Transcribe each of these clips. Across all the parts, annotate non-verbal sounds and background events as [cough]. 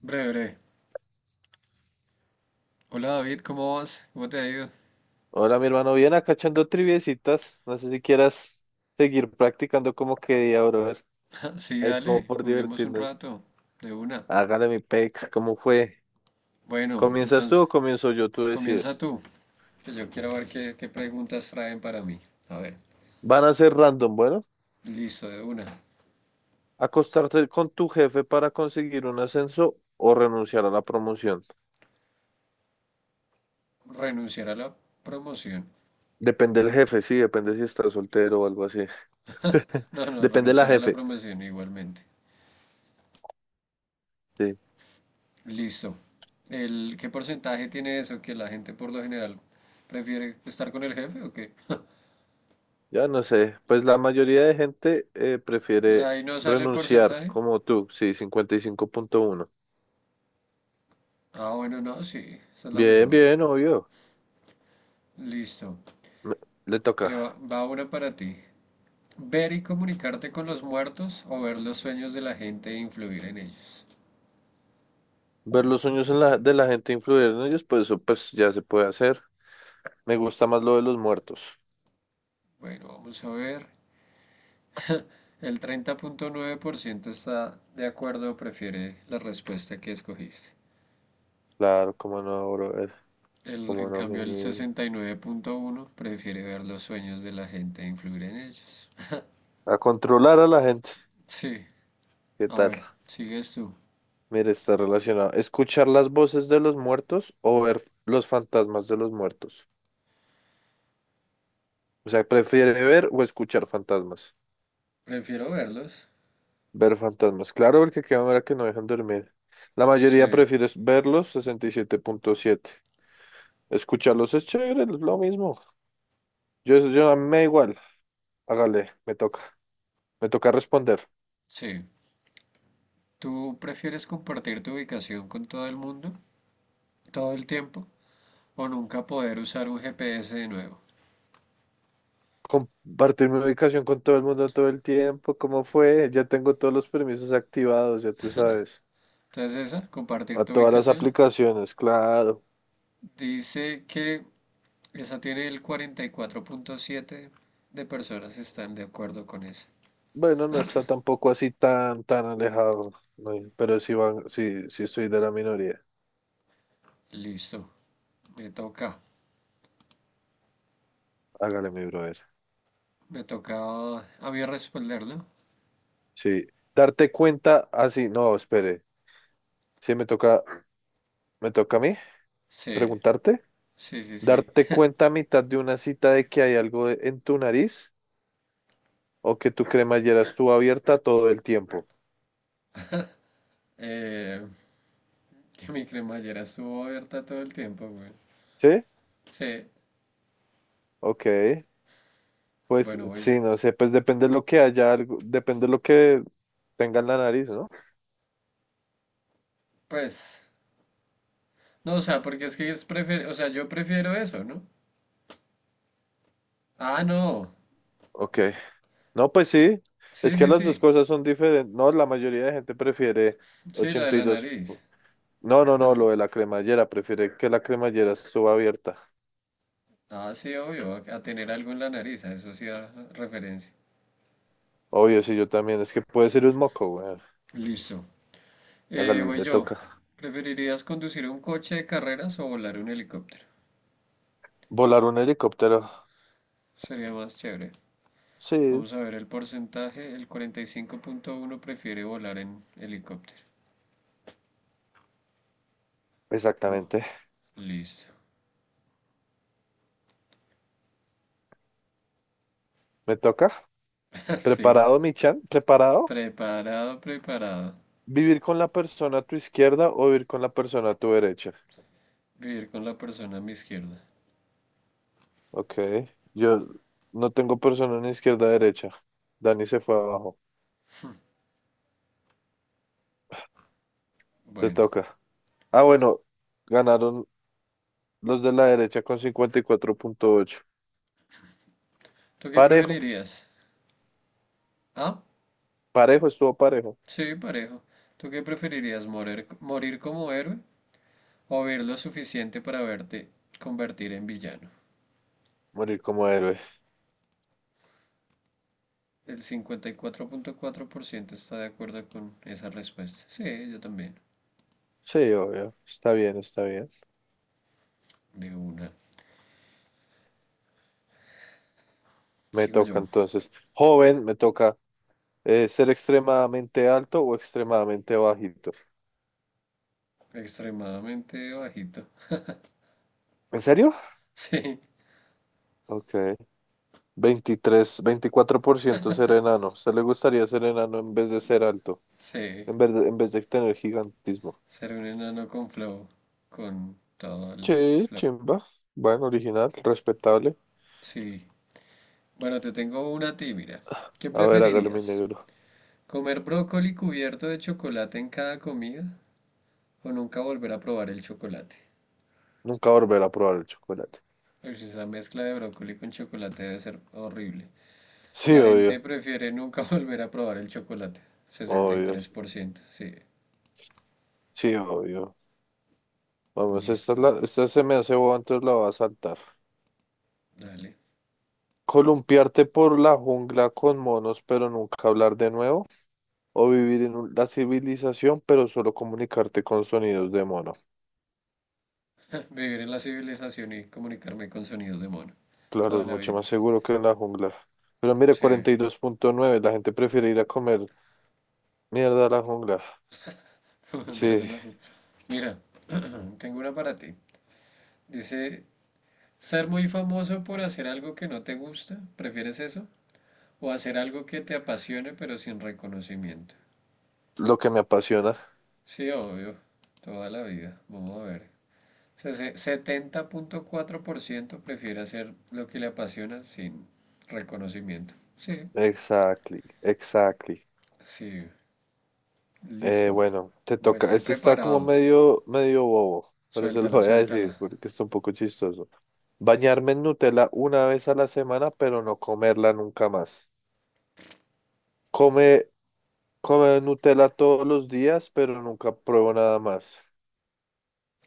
Breve, breve. Hola David, ¿cómo vas? ¿Cómo te ha ido? Hola, mi hermano, bien acá echando triviecitas. No sé si quieras seguir practicando como quería, brother. [laughs] Sí, Ahí como dale, por juguemos un divertirnos. rato, de una. Hágale mi pex, ¿cómo fue? Bueno, ¿Comienzas tú entonces, o comienzo yo? Tú comienza decides. tú, que yo quiero ver qué preguntas traen para mí. A ver, Van a ser random, bueno. listo, de una. Acostarte con tu jefe para conseguir un ascenso o renunciar a la promoción. Renunciar a la promoción. Depende del jefe, sí, depende si estás soltero o algo así. [laughs] No, no, Depende de la renunciar a la jefe, promoción igualmente. sí. Listo. ¿Qué porcentaje tiene eso? ¿Que la gente por lo general prefiere estar con el jefe o qué? Ya no sé, pues la mayoría de gente O sea, prefiere ahí no sale el renunciar, porcentaje. como tú, sí, 55,1. Ah, bueno, no, sí, esa es la Bien, mejor. bien, obvio. Listo. Me- Le Te toca va una para ti. Ver y comunicarte con los muertos o ver los sueños de la gente e influir en ellos. ver los sueños de la gente, influir en ellos, pues eso pues ya se puede hacer. Me gusta más lo de los muertos. Bueno, vamos a ver. El 30.9% está de acuerdo o prefiere la respuesta que escogiste. Claro, cómo no, brother. El, Cómo en no, mi cambio, el niño. 69.1 prefiere ver los sueños de la gente e influir en ellos. A controlar a la gente. Sí, ¿Qué a tal? ver, sigues tú. Mire, está relacionado. Escuchar las voces de los muertos o ver los fantasmas de los muertos. O sea, prefiere ver o escuchar fantasmas. Prefiero verlos. Ver fantasmas. Claro, porque qué manera que no dejan dormir. La Sí, mayoría prefiere verlos, 67,7. Escucharlos es chévere, es lo mismo. Yo a mí me da igual. Hágale, me toca. Me toca responder. sí. ¿Tú prefieres compartir tu ubicación con todo el mundo todo el tiempo o nunca poder usar un GPS de nuevo? Compartir mi ubicación con todo el mundo todo el tiempo. ¿Cómo fue? Ya tengo todos los permisos activados, ya tú sabes. Entonces esa, compartir A tu todas las ubicación, aplicaciones, claro. dice que esa tiene el 44.7 de personas están de acuerdo con esa. Bueno, no está tampoco así tan, tan alejado. No, pero sí, van, sí, sí estoy de la minoría. Listo, me toca, Hágale, mi brother. me toca a mí responderlo. Sí. Darte cuenta así. No, espere. Sí, me toca a mí Sí, preguntarte. sí, sí, sí. Darte cuenta a mitad de una cita de que hay en tu nariz o que tu cremallera estuvo abierta todo el tiempo. Eh, [laughs] que mi cremallera estuvo abierta todo el tiempo, güey. ¿Sí? Sí, Ok. Pues bueno, oye, sí, no sé, pues depende de lo que haya, algo, depende de lo que tenga en la nariz, ¿no? pues, no, o sea, porque es que es o sea, yo prefiero eso, ¿no? Ah, no, Ok. No, pues sí. sí, Es que sí, las dos sí, cosas son diferentes. No, la mayoría de gente prefiere sí, la de ochenta y la dos nariz. No, no, no, Pues, lo de la cremallera. Prefiere que la cremallera estuvo abierta. ah, sí, obvio, a tener algo en la nariz, a eso sí da referencia. Obvio, sí, yo también. Es que puede ser un moco, güey. Listo. Hágale, Voy le yo. toca. ¿Preferirías conducir un coche de carreras o volar un helicóptero? Volar un helicóptero. Sería más chévere. Sí. Vamos a ver el porcentaje. El 45.1 prefiere volar en helicóptero. Buah, Exactamente. listo. Me toca. [laughs] Sí. ¿Preparado, mi chan? ¿Preparado? Preparado, preparado. ¿Vivir con la persona a tu izquierda o vivir con la persona a tu derecha? Vivir con la persona a mi izquierda. Ok. Yo no tengo persona ni izquierda ni derecha. Dani se fue abajo. Te Bueno. toca. Ah, bueno. Ganaron los de la derecha con 54,8. ¿Tú qué Parejo. preferirías? Ah, Parejo, estuvo parejo. sí, parejo. ¿Tú qué preferirías? ¿Morir como héroe o ver lo suficiente para verte convertir en villano? Morir como héroe. El cincuenta y cuatro punto cuatro por ciento está de acuerdo con esa respuesta. Sí, yo también. Sí, obvio. Está bien, está bien. De una. Me Sigo toca yo. entonces. Joven, me toca ser extremadamente alto o extremadamente bajito. Extremadamente bajito. [laughs] ¿En serio? Sí, Ok. 23, 24% ser enano. ¿A usted le gustaría ser enano en vez de ser alto? sí. En vez de tener gigantismo. Ser un enano con flow. Con todo el... Sí, chimba. Bueno, original, respetable. Sí. Bueno, te tengo una a ti, mira. ¿Qué A ver, hágale mi preferirías? negro. ¿Comer brócoli cubierto de chocolate en cada comida, o nunca volver a probar el chocolate? Nunca volver a probar el chocolate. Ush, esa mezcla de brócoli con chocolate debe ser horrible. Sí, La gente obvio. prefiere nunca [laughs] volver a probar el chocolate. sesenta y Obvio. tres por ciento. Sí. Sí, obvio. Vamos, Listo. Esta se me hace boba, entonces la va a saltar. Dale. Columpiarte por la jungla con monos, pero nunca hablar de nuevo. O vivir en la civilización, pero solo comunicarte con sonidos de mono. [laughs] Vivir en la civilización y comunicarme con sonidos de mono. Claro, Toda es la mucho vida. más seguro que en la jungla. Pero mire, Sí. 42,9. La gente prefiere ir a comer mierda a la jungla. [laughs] Volver de Sí, la- Mira, [clears throat] tengo una para ti. Dice, ¿ser muy famoso por hacer algo que no te gusta, prefieres eso? ¿O hacer algo que te apasione pero sin reconocimiento? lo que me apasiona. Sí, obvio. Toda la vida. Vamos a ver. 70.4% prefiere hacer lo que le apasiona sin reconocimiento. Sí, Exactly, exactly. sí, listo. Bueno, te Pues toca. estoy Este está como preparado. medio, medio bobo, pero se lo Suéltala, voy a suéltala. decir porque está un poco chistoso. Bañarme en Nutella una vez a la semana, pero no comerla nunca más. Come, come Nutella todos los días, pero nunca pruebo nada más.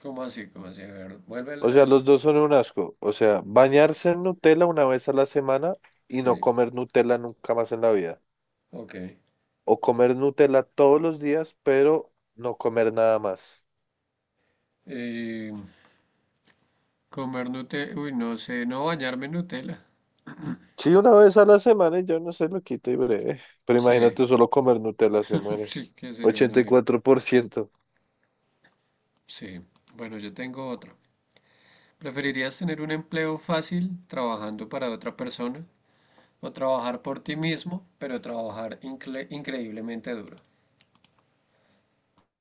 ¿Cómo así? ¿Cómo así? A ver, O vuélvela a sea, decir. los dos son un asco. O sea, bañarse en Nutella una vez a la semana y no Sí, comer Nutella nunca más en la vida. ok. O comer Nutella todos los días, pero no comer nada más. Eh, comer Nutella. Uy, no sé, no bañarme en Nutella. Sí, una vez a la semana y yo no se lo quito y breve. Pero Sí, imagínate, solo comer Nutella se [laughs] muere. sí, que sería una Ochenta y mierda. cuatro por ciento Sí, bueno, yo tengo otro. ¿Preferirías tener un empleo fácil trabajando para otra persona, o trabajar por ti mismo, pero trabajar increíblemente duro?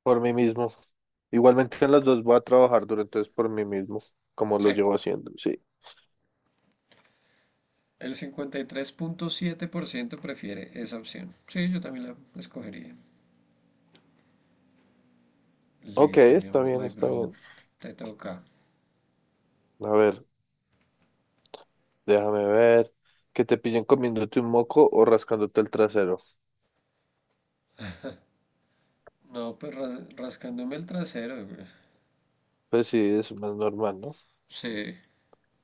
Por mí mismo. Igualmente en las dos voy a trabajar durante entonces por mí mismo, como lo Sí, llevo haciendo. Sí. el 53.7% prefiere esa opción. Sí, yo también la escogería. Ok, Listo, mi, está bien, my está bro. bien. Te toca. A ver. Déjame ver. Que te pillen comiéndote un moco o rascándote el trasero. No, pues rascándome el trasero, güey. Pues sí, es más normal, ¿no? Sí.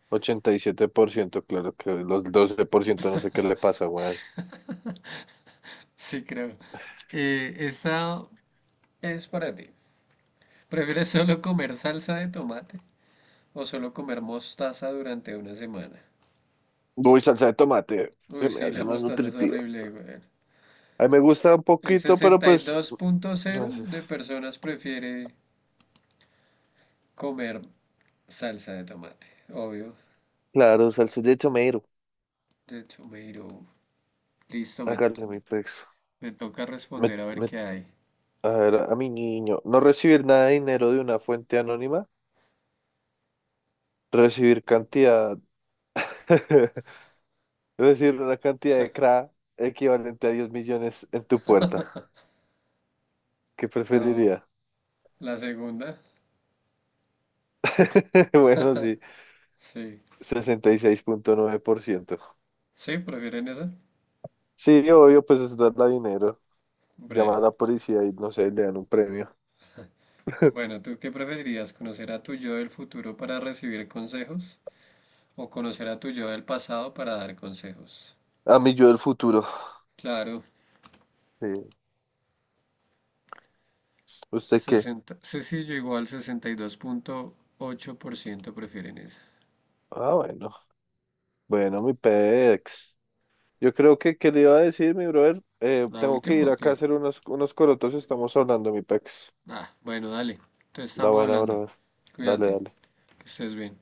87%, claro que los 12% no sé qué le pasa, weón. [laughs] Sí, creo. Esta es para ti. ¿Prefieres solo comer salsa de tomate o solo comer mostaza durante una semana? Uy, salsa de tomate. Uy, Se me sí, hace la más mostaza es nutritiva. horrible, güey. A mí me gusta un El poquito, pero sesenta y pues, dos punto cero no sé. de personas prefiere comer salsa de tomate. Obvio, Claro, salsa de tomate. de tomato. Listo, me, Hágale mi pex. me toca Me, responder a ver me- qué hay. a ver, a mi niño. No recibir nada de dinero de una fuente anónima. Recibir cantidad. [laughs] Recibir una cantidad de CRA equivalente a 10 millones en tu puerta. ¿Qué No, preferiría? la segunda. [laughs] Bueno, sí, Sí. 66,9%. Sí, prefieren esa. Sí, obvio, pues es darle dinero, llamar a Breve. la policía y no sé, le dan un premio. Bueno, ¿tú qué preferirías? ¿Conocer a tu yo del futuro para recibir consejos o conocer a tu yo del pasado para dar consejos? A mí yo del futuro. Claro, Sí. ¿Usted qué? 60, sí, sí, ocho por ciento prefieren esa. Ah, bueno. Bueno, mi pex. Yo creo que, ¿qué le iba a decir, mi brother? ¿La Tengo que última ir o acá a qué? hacer unos corotos, estamos hablando, mi pex. Ah, bueno, dale. Entonces La estamos buena, hablando. brother. Dale, Cuídate, dale. que estés bien.